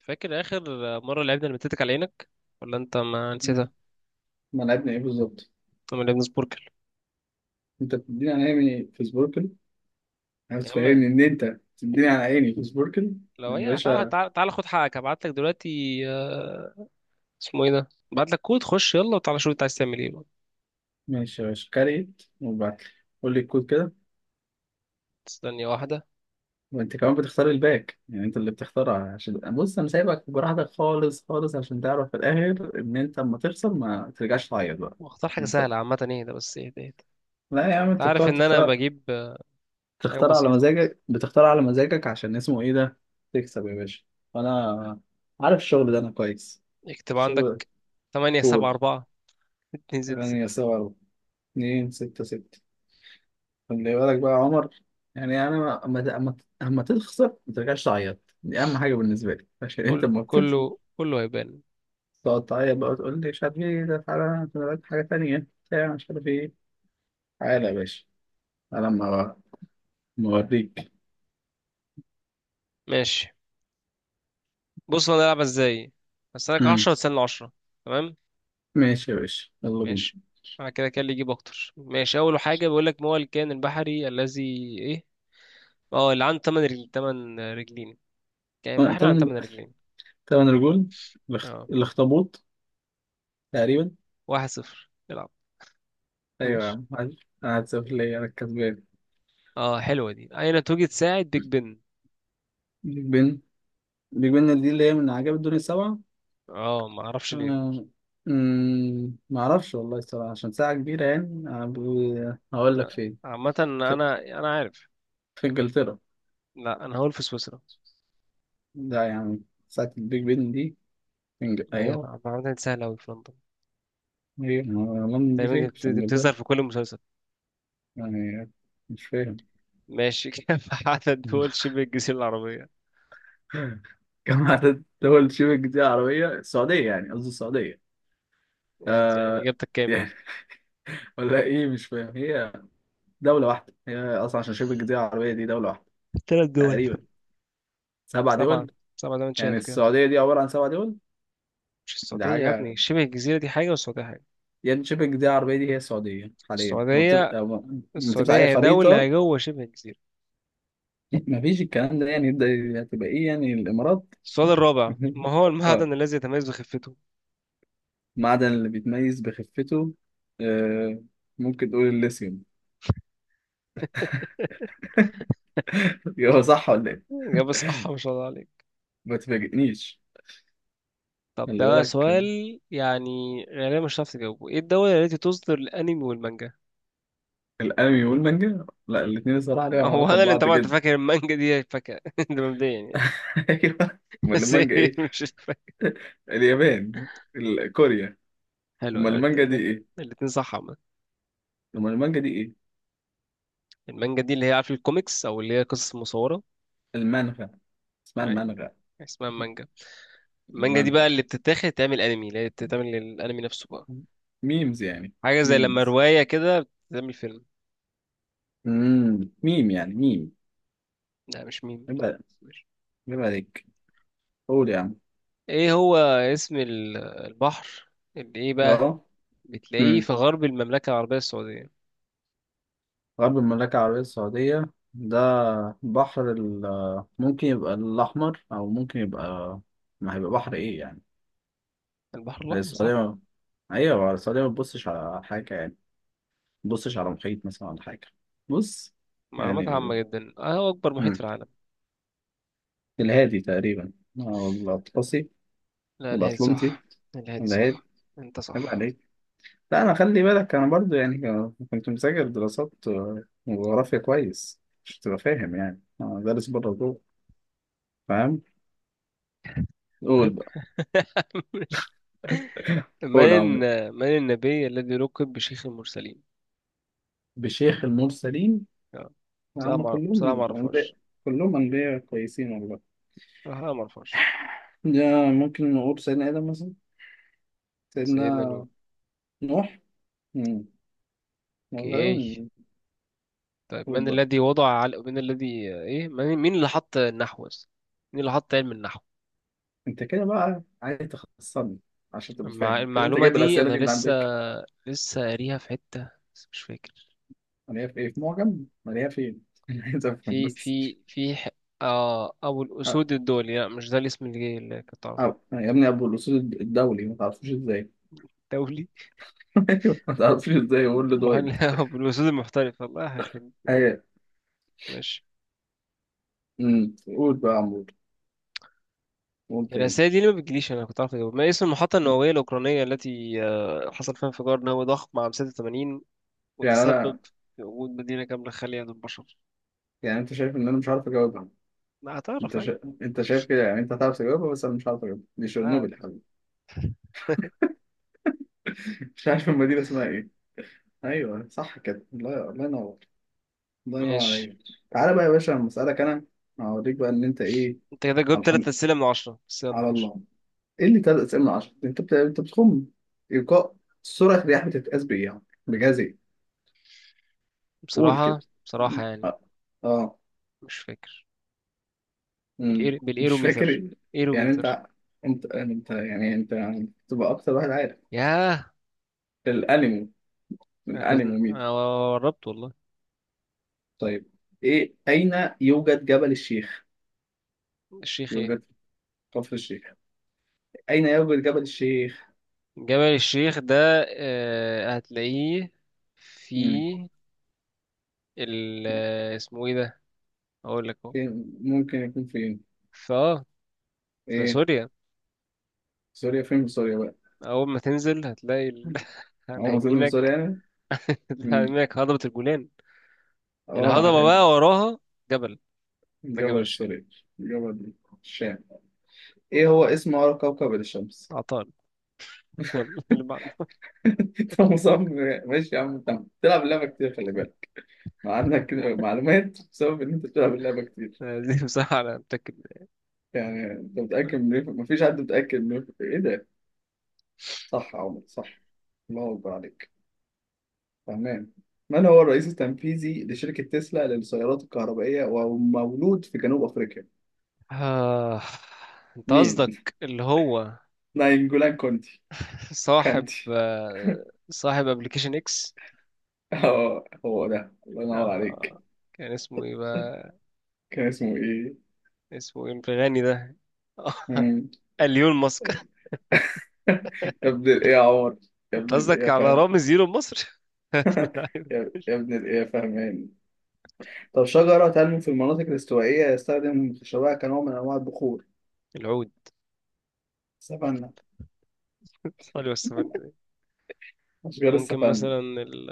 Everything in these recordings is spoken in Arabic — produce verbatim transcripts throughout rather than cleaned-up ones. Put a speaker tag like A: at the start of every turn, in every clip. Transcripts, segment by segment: A: فاكر اخر مره لعبنا المتتك على عينك، ولا انت ما
B: مم.
A: نسيتها؟
B: ملعبنا ايه بالظبط؟
A: لما لعبنا سبوركل.
B: انت بتديني على عيني في سبوركل؟ عايز
A: يا عم،
B: تفهمني ان انت تديني على عيني في سبوركل؟
A: لو
B: يعني يا
A: هي تعالى
B: باشا،
A: تعالى تعالى خد حقك، هبعت لك دلوقتي. آه، اسمه ايه ده، هبعت لك كود، خش يلا وتعالى شوف انت عايز تعمل ايه بقى.
B: ماشي يا باشا، كاريت وبعت لي. قول لي الكود كده.
A: ثانيه واحده
B: وانت كمان بتختار الباك، يعني انت اللي بتختارها، عشان بص انا سايبك براحتك خالص خالص عشان تعرف في الاخر ان انت اما تخسر ما ترجعش تعيط بقى.
A: واختار حاجه
B: يعني انت-
A: سهله. عامه ايه ده بس ايه ده إيه ده.
B: لا يا عم،
A: انت
B: انت
A: عارف
B: بتقعد
A: ان انا
B: تختار،
A: بجيب آه، حاجات
B: تختار على
A: بسيطه.
B: مزاجك، بتختار على مزاجك عشان اسمه ايه ده. تكسب يا باشا. انا عارف الشغل ده انا كويس،
A: اكتب
B: الشغل ده.
A: عندك: ثمانية سبعة
B: قول.
A: أربعة اثنين ستة
B: ثمانية
A: ستة.
B: سبعة، اتنين ستة ستة. خلي بالك بقى يا عمر. يعني أنا ما- أما أما أما تخسر ما ترجعش تعيط، دي أهم حاجة بالنسبة لي. عشان أنت
A: كل
B: أما بتخسر
A: كله كله هيبان.
B: تقعد تعيط بقى وتقول لي مش عارف إيه ده، تعالى أنا وراك حاجة تانية بتاع مش عارف إيه. تعالى يا باشا، تعالى أما أما أوريك.
A: ماشي، بص انا هلعبها ازاي. هستناك
B: أمم.
A: عشرة وتستنى عشرة. تمام.
B: ماشي يا باشا، يلا بينا.
A: ماشي، معنى كده كان اللي يجيب اكتر ماشي. اول حاجه بيقول لك: ما هو الكائن البحري الذي ايه، اه، اللي عنده تمن رجل، تمن رجلين؟ كائن
B: أه،
A: بحري عنده
B: تمن
A: تمن رجلين.
B: تمن رجول. الاخ-
A: اه،
B: الأخطبوط تقريبا.
A: واحد صفر، العب.
B: أيوة يا
A: ماشي.
B: عم، عارف. أنا هتسافر، ليا أنا الكسبان.
A: اه حلوه دي: اين توجد ساعه بيج بن؟
B: بيج بن. بيج بن دي اللي هي من عجائب الدنيا السبعة.
A: اه، ما اعرفش ليه.
B: آه، مم، معرفش والله الصراحة، عشان ساعة كبيرة يعني. أنا ب- هقول لك
A: آه،
B: فين.
A: عامه انا،
B: في,
A: انا عارف.
B: في إنجلترا.
A: لا، انا هقول في سويسرا.
B: ده يعني ساعة البيج بن دي في إنج...
A: هي
B: أيوه.
A: عامه دي سهله قوي، في لندن.
B: هي ما- لندن دي
A: تقريبا دي
B: فين؟
A: بت-
B: في
A: دي بتظهر
B: إنجلترا
A: في كل مسلسل.
B: يعني. مش فاهم.
A: ماشي. كام عدد دول شبه الجزيره العربيه؟
B: كم عدد دول شبه الجزيرة العربية السعودية؟ يعني قصدي السعودية.
A: يعني
B: آه.
A: اجابتك كام يعني؟
B: يعني ولا إيه؟ مش فاهم. هي دولة واحدة هي أصلا، عشان شبه الجزيرة العربية دي دولة واحدة
A: ثلاث دول.
B: تقريبا. سبع
A: سبعه.
B: دول؟
A: سبعه ده، مش
B: يعني
A: شايف كده؟
B: السعودية دي عبارة عن سبع دول؟
A: مش
B: دي
A: السعودية يا ابني،
B: حاجة.
A: شبه الجزيرة دي حاجة والسعودية حاجة.
B: يان شيبنج دي العربية دي هي السعودية حاليا، لما بتف-
A: السعودية،
B: أو- لما تفتح
A: السعودية
B: أي
A: هي دولة
B: خريطة.
A: جوه شبه الجزيرة.
B: مفيش الكلام ده يعني يبدأ. هتبقى إيه يعني، الإمارات؟
A: السؤال الرابع: ما هو
B: آه،
A: المعدن الذي يتميز بخفته؟
B: معدن اللي بيتميز بخفته. آه، ممكن تقول الليثيوم. هو صح ولا إيه؟
A: إجابة صح، ما شاء الله عليك.
B: ما تفاجئنيش.
A: طب
B: خلي
A: ده بقى
B: بالك.
A: سؤال يعني غالبا مش هتعرف تجاوبه: ايه الدولة التي تصدر الأنمي والمانجا؟
B: الأنمي والمانجا؟ لا
A: مم.
B: الاتنين الصراحة ليهم
A: هو
B: علاقة
A: انا اللي انت،
B: ببعض
A: طبعا انت فاكر
B: جدا.
A: المانجا دي فاكهة. ده مبدئيا يعني.
B: أيوه. أمال
A: بس
B: المانجا
A: إيه،
B: إيه؟
A: مش فاكر.
B: اليابان. ال- كوريا.
A: حلو،
B: أمال
A: يعني
B: المانجا دي
A: الاتنين،
B: إيه؟
A: الاتنين صح عامة.
B: أمال المانجا دي إيه؟
A: المانجا دي اللي هي، عارف، الكوميكس، او اللي هي قصص مصورة
B: المانغا، اسمها
A: يعني.
B: المانغا.
A: اسمها مانجا. المانجا دي بقى
B: المانغا
A: اللي بتتاخد تعمل انمي، اللي هي بتتعمل للانمي نفسه بقى.
B: ميمز يعني.
A: حاجه زي لما
B: ميمز،
A: روايه كده بتعمل فيلم.
B: امم ميم يعني، ميم.
A: لا، مش ميم.
B: يبقى،
A: ماشي.
B: يبقى عليك. قول يا عم.
A: ايه هو اسم ال- البحر اللي ايه بقى،
B: اه.
A: بتلاقيه
B: امم،
A: في غرب المملكه العربيه السعوديه؟
B: غرب المملكة العربية السعودية ده بحر ال، ممكن يبقى الأحمر أو ممكن يبقى، ما هيبقى بحر إيه يعني.
A: البحر
B: هي
A: الاحمر
B: السعودية
A: صح.
B: ما- أيوة السعودية ما تبصش على حاجة يعني؟ ما تبصش على محيط مثلا ولا حاجة؟ بص.
A: معلومات
B: يعني
A: عامه جدا. آه، هو اكبر محيط في
B: مم.
A: العالم؟
B: الهادي تقريبا، أو الأطلسي.
A: لا، الهادي
B: الأطلنطي.
A: صح. الهادي
B: الهادي.
A: صح. انت
B: يبقى
A: صح.
B: عليك. لا انا، خلي بالك انا برضو يعني كنت مذاكر دراسات وجغرافيا كويس، مش تبقى فاهم يعني انا دارس بره جوه. فاهم؟ قول بقى.
A: مش من
B: قول أو.
A: الن- من النبي الذي لقب بشيخ المرسلين؟
B: بشيخ المرسلين.
A: آه. بصراحه
B: هم
A: ما بصراحه ما
B: كلهم انبياء.
A: اعرفهاش.
B: كلهم انبياء كويسين والله.
A: بصراحه ما اعرفهاش.
B: يا ممكن نقول سيدنا ادم مثلا. سيدنا
A: سيدنا نوح.
B: نوح. امم.
A: اوكي.
B: غالبا.
A: طيب
B: قول
A: من
B: بقى.
A: الذي وضع على من الذي ايه من- مين اللي حط النحو بس، مين اللي حط علم النحو؟
B: انت كده بقى عايز تخصصني عشان تبقى
A: المع...
B: فاهم كده، انت
A: المعلومة
B: جايب
A: دي
B: الاسئله
A: انا
B: دي من
A: لسه
B: عندك؟
A: لسه قاريها في حتة، بس مش فاكر.
B: مليها في ايه، في معجم؟ مليها فين؟ عايز افهم
A: في
B: بس.
A: في في ح... آه، ابو الاسود الدولي. لا مش ده الاسم اللي جاي، اللي كنت اعرفه.
B: أب... يا ابني ابو الاصول الدولي، ما تعرفوش ازاي؟
A: دولي
B: أيوة، ما تعرفوش ازاي، يقول له
A: محل.
B: دايت.
A: ابو الاسود المحترف، الله يخرب.
B: هي.
A: ماشي.
B: امم، قول بقى يا عمور. قول تاني.
A: الرسائل دي ليه ما بتجيليش؟ انا كنت عارف اجاوب. ما اسم المحطة النووية الأوكرانية التي آه، حصل فيها انفجار نووي ضخم عام ستة وثمانين
B: يعني
A: وتسبب
B: انا،
A: في وجود مدينة كاملة خالية من البشر؟
B: يعني انت شايف ان انا مش عارف اجاوبها؟
A: هتعرف
B: انت
A: عادي.
B: شا... انت شايف كده يعني، انت هتعرف تجاوبها بس انا مش عارف اجاوبها. دي
A: آه.
B: شيرنوبل يا حبيبي. مش عارف المدينه اسمها ايه. ايوه صح كده، الله، الله ينور. الله ينور
A: ماشي.
B: عليك. تعالى بقى يا باشا لما اسالك انا، هوريك بقى ان انت ايه.
A: انت كده
B: على
A: جاوبت تلات
B: الحمد،
A: أسئلة من عشرة بس، يلا
B: على
A: ماشي.
B: الله. ايه اللي تلات اسئله من عشرة؟ انت بت... انت بتخم ايقاع. سرعه الرياح بتتقاس بايه يعني، بجهاز إيه؟ قول كده.
A: بصراحة، بصراحة يعني
B: اه. آه.
A: مش فاكر.
B: مم.
A: بالإير...
B: مش
A: بالإيروميتر.
B: فاكر. يعني
A: إيروميتر.
B: انت، انت انت يعني انت تبقى اكتر واحد عارف
A: ياه.
B: الانمي.
A: أنا كنت
B: الانمي مين.
A: أنا قربت والله.
B: طيب، ايه اين يوجد جبل الشيخ؟
A: الشيخ إيه؟
B: يوجد كفر الشيخ. اين يوجد جبل الشيخ؟
A: جبل الشيخ ده، آه، هتلاقيه في
B: مم.
A: ال آه، اسمه إيه ده، أقول لك أهو.
B: فين ممكن يكون؟ فين؟
A: فا، في
B: ايه؟
A: سوريا.
B: سوريا؟ فين في سوريا بقى؟
A: أول ما تنزل هتلاقي ال...
B: هو
A: على
B: موجود من سوريا
A: يمينك،
B: يعني؟
A: على
B: مم.
A: يمينك هضبة الجولان،
B: اه
A: الهضبة
B: عارف.
A: بقى وراها جبل، ده جبل
B: جبل
A: الشيخ.
B: السوري. جبل الشام. ايه هو اسم اقرب كوكب الشمس؟
A: عطال. يلا اللي بعده.
B: فمصمم. ماشي يا عم انت، بتلعب اللعبه كتير خلي بالك. ما عندك معلومات بسبب ان انت بتلعب اللعبه كتير.
A: آه، دي بصراحة أنا متأكد
B: يعني انت متاكد
A: منها.
B: من ايه؟ مفيش حد متاكد من ايه، إيه ده. صح يا عمر، صح. الله اكبر عليك. تمام. من هو الرئيس التنفيذي لشركه تسلا للسيارات الكهربائيه ومولود في جنوب افريقيا؟
A: آه. أنت
B: مين؟
A: قصدك اللي هو
B: ناينجولان كونتي.
A: صاحب،
B: كانتي.
A: آه، صاحب أبلكيشن إكس.
B: اه هو ده، الله ينور عليك.
A: آه. كان اسمه إيه بقى؟
B: كان اسمه ايه.
A: اسمه إيه الغني ده؟
B: مم.
A: اليون ماسك.
B: يا ابن الايه يا عمر. يا
A: أنت
B: ابن الايه
A: قصدك
B: يا
A: على
B: فهد.
A: رامز إيلون مصر. ابن
B: يا
A: اللعيبة.
B: يا ابن الايه فاهمان. طب، شجرة تنمو في المناطق الاستوائية يستخدم خشبها كنوع من أنواع البخور.
A: العود.
B: سفنة.
A: صلي والسلام.
B: أشجار
A: ممكن
B: السفنة.
A: مثلا ال...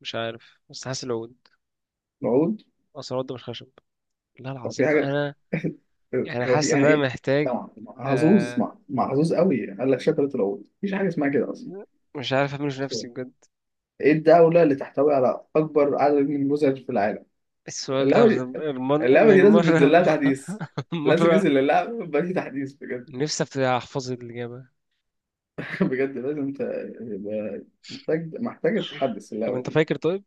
A: مش عارف، بس حاسس العود.
B: موجود.
A: أصل العود ده مش خشب؟ لا،
B: هو في
A: العظيم
B: حاجة.
A: أنا، يعني
B: هو في،
A: حاسس إن
B: يعني
A: أنا
B: إيه؟
A: محتاج،
B: طبعا محظوظ
A: آه،
B: مع- محظوظ قوي، قال لك شجرة العود، مفيش حاجة اسمها كده أصلا.
A: مش عارف أعمله في نفسي بجد.
B: إيه الدولة اللي تحتوي على أكبر عدد من النموذج في العالم؟
A: السؤال ده
B: اللعبة دي،
A: رم- رمان
B: اللعبة دي
A: يعني،
B: لازم ينزل
A: مرة.
B: لها تحديث. لازم
A: مرة
B: ينزل للعبة بقى في تحديث بجد.
A: نفسي أفت- أحفظ الإجابة.
B: بجد لازم ت... يبقى، محتاج محتاج تحدث
A: طب
B: اللعبة
A: أنت
B: دي.
A: فاكر طيب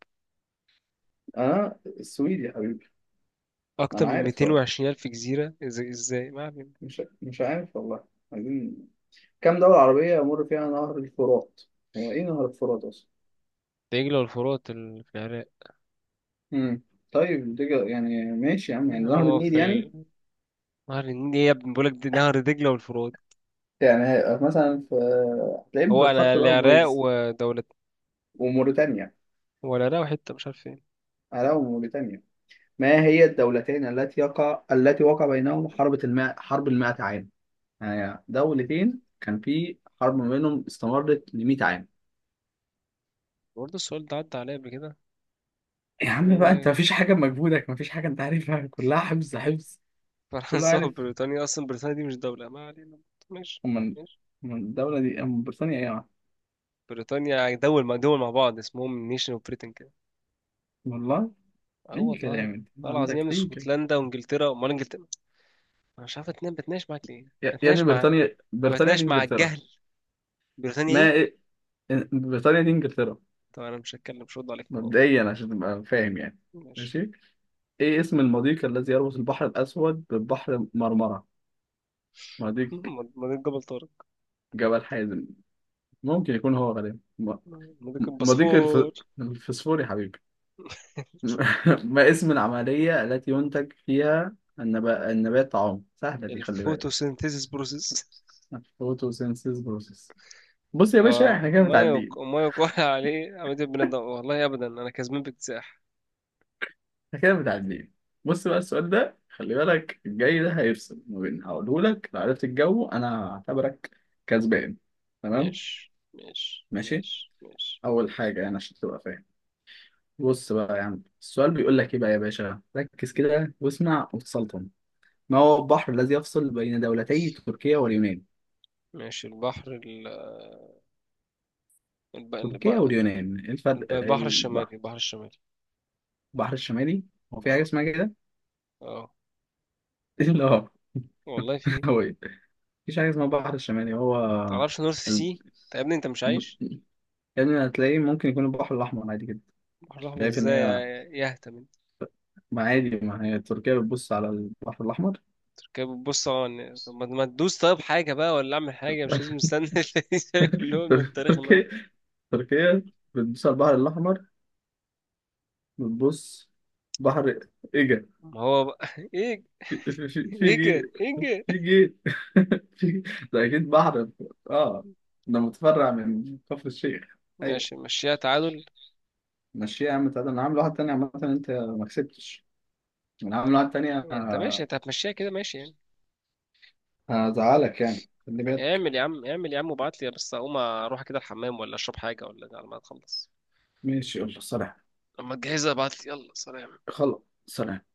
B: اه السويد يا حبيبي.
A: أكتر
B: انا
A: من
B: عارف طبعا.
A: مئتين وعشرين ألف جزيرة؟ إزاي، إزاي، ما علينا.
B: مش مش عارف والله. عايزين، كام دولة عربية يمر فيها نهر الفرات؟ هو ايه نهر الفرات اصلا؟
A: دجلة والفرات ال- في العراق.
B: امم. طيب دي جا- يعني ماشي يا عم، يعني نهر
A: هو
B: النيل
A: في
B: يعني.
A: ال... نهر النيل إيه يا ابني، بقولك دي نهر دجلة والفرات.
B: يعني هي- مثلا في، هتلاقيه
A: هو أنا
B: بالخط بقى
A: العراق
B: مميز.
A: ودولة،
B: وموريتانيا.
A: هو العراق وحتة مش عارف فين.
B: علاوة موريتانيا. ما هي الدولتين التي يقع، التي وقع بينهم حرب الماء، حرب المائة عام. يعني دولتين كان في حرب ما بينهم استمرت لمئة عام.
A: برضه السؤال ده عدى عليا قبل كده،
B: يا
A: اللي
B: عم
A: هو
B: بقى، انت
A: بقى
B: مفيش حاجة مجهودك، مفيش حاجة انت عارفها، كلها حفظ حفظ. كله
A: فرنسا
B: عارف.
A: وبريطانيا. أصلا بريطانيا دي مش دولة، ما علينا. ماشي.
B: من، من الدولة دي، من بريطانيا؟ ايه يا عم،
A: بريطانيا يعني دول مع دول مع بعض، اسمهم نيشن اوف بريتن كده.
B: والله
A: اه
B: اي
A: والله.
B: كلام، انت ما
A: والله العظيم يا ابني،
B: عندك اي كلام.
A: اسكتلندا وانجلترا، امال انجلترا. انا مش عارف، اتنين بتناقش معاك ليه،
B: يا يا ابني
A: بتناقش مع،
B: بريطانيا،
A: انا
B: بريطانيا دي
A: بتناقش مع
B: انجلترا.
A: الجهل. بريطانيا
B: ما
A: ايه؟
B: إيه؟ بريطانيا دي انجلترا،
A: طب انا مش هتكلم، مش هرد عليك في الموضوع
B: مبدئيا عشان تبقى فاهم يعني.
A: ده. ماشي.
B: ماشي. ايه اسم المضيق الذي يربط البحر الاسود ببحر مرمرة؟ مضيق
A: مضيق جبل طارق.
B: جبل حازم، ممكن يكون هو غالبا م-،
A: مضيق
B: مضيق الف...
A: البسفور.
B: الفسفوري حبيبي. ما اسم العملية التي ينتج فيها النب... النبات طعام؟ سهلة دي، خلي بالك.
A: الفوتوسينثيسيس بروسيس.
B: فوتوسينثيز بروسيس. بص يا باشا
A: اه
B: احنا كده
A: وما
B: متعدين.
A: يق- وما يقال عليه عملية البناء الضوئي. والله ابدا انا كسبان باكتساح.
B: احنا كده متعدين. بص بقى، السؤال ده خلي بالك، الجاي ده هيفصل ما بين، هقوله لك لو عرفت الجو انا هعتبرك كسبان. تمام.
A: ماشي ماشي
B: ماشي.
A: ماشي ماشي.
B: اول حاجة يعني عشان تبقى فاهم. بص بقى يا عم، السؤال بيقول لك ايه بقى يا باشا، ركز كده واسمع وتسلطن. ما هو البحر الذي يفصل بين دولتي تركيا واليونان؟
A: ماشي. البحر ال... الب... الب...
B: تركيا واليونان، ايه الفرق؟
A: البحر الشمالي،
B: البحر،
A: البحر الشمالي.
B: البحر الشمالي. هو في حاجة
A: اه.
B: اسمها كده؟
A: اه
B: لا.
A: والله في.
B: هو إيه؟ مفيش حاجة اسمها البحر الشمالي هو.
A: متعرفش نورث
B: ال...
A: سي؟ طب يا ابني انت مش
B: م-،
A: عايش.
B: يعني هتلاقيه ممكن يكون البحر الأحمر عادي جدا.
A: البحر الاحمر
B: شايف إن
A: ازاي
B: هي،
A: يا، يهتم انت.
B: ما عادي، ما هي تركيا بتبص على البحر الأحمر.
A: تركب، بص، اه إن، طب ما ما تدوس طيب حاجه بقى، ولا اعمل حاجه مش لازم استنى. الاتنين كلهم من التاريخ الاول.
B: تركيا، تركيا بتبص على البحر الأحمر، بتبص. بحر إيجا.
A: ما هو بقى. ايه،
B: في، في- في
A: ايه كده؟
B: جي.
A: ايه كده؟
B: في جي. في، ده أكيد بحر. آه، ده متفرع من كفر الشيخ.
A: ماشي،
B: أيوه.
A: مشيها تعادل.
B: ماشي يا عم، تعالى انا عامل واحد تاني، عامة انت ما كسبتش. انا عامل واحد تاني
A: يعني انت ماشي،
B: ه-،
A: انت هتمشيها كده ماشي يعني.
B: هزعلك يعني، خلي بالك.
A: اعمل يا عم، اعمل يا عم وابعت لي، بس اقوم اروح كده الحمام ولا اشرب حاجه ولا، على ما تخلص.
B: ماشي، يلا سلام.
A: اما تجهزها ابعت لي، يلا سلام.
B: خلاص. سلام.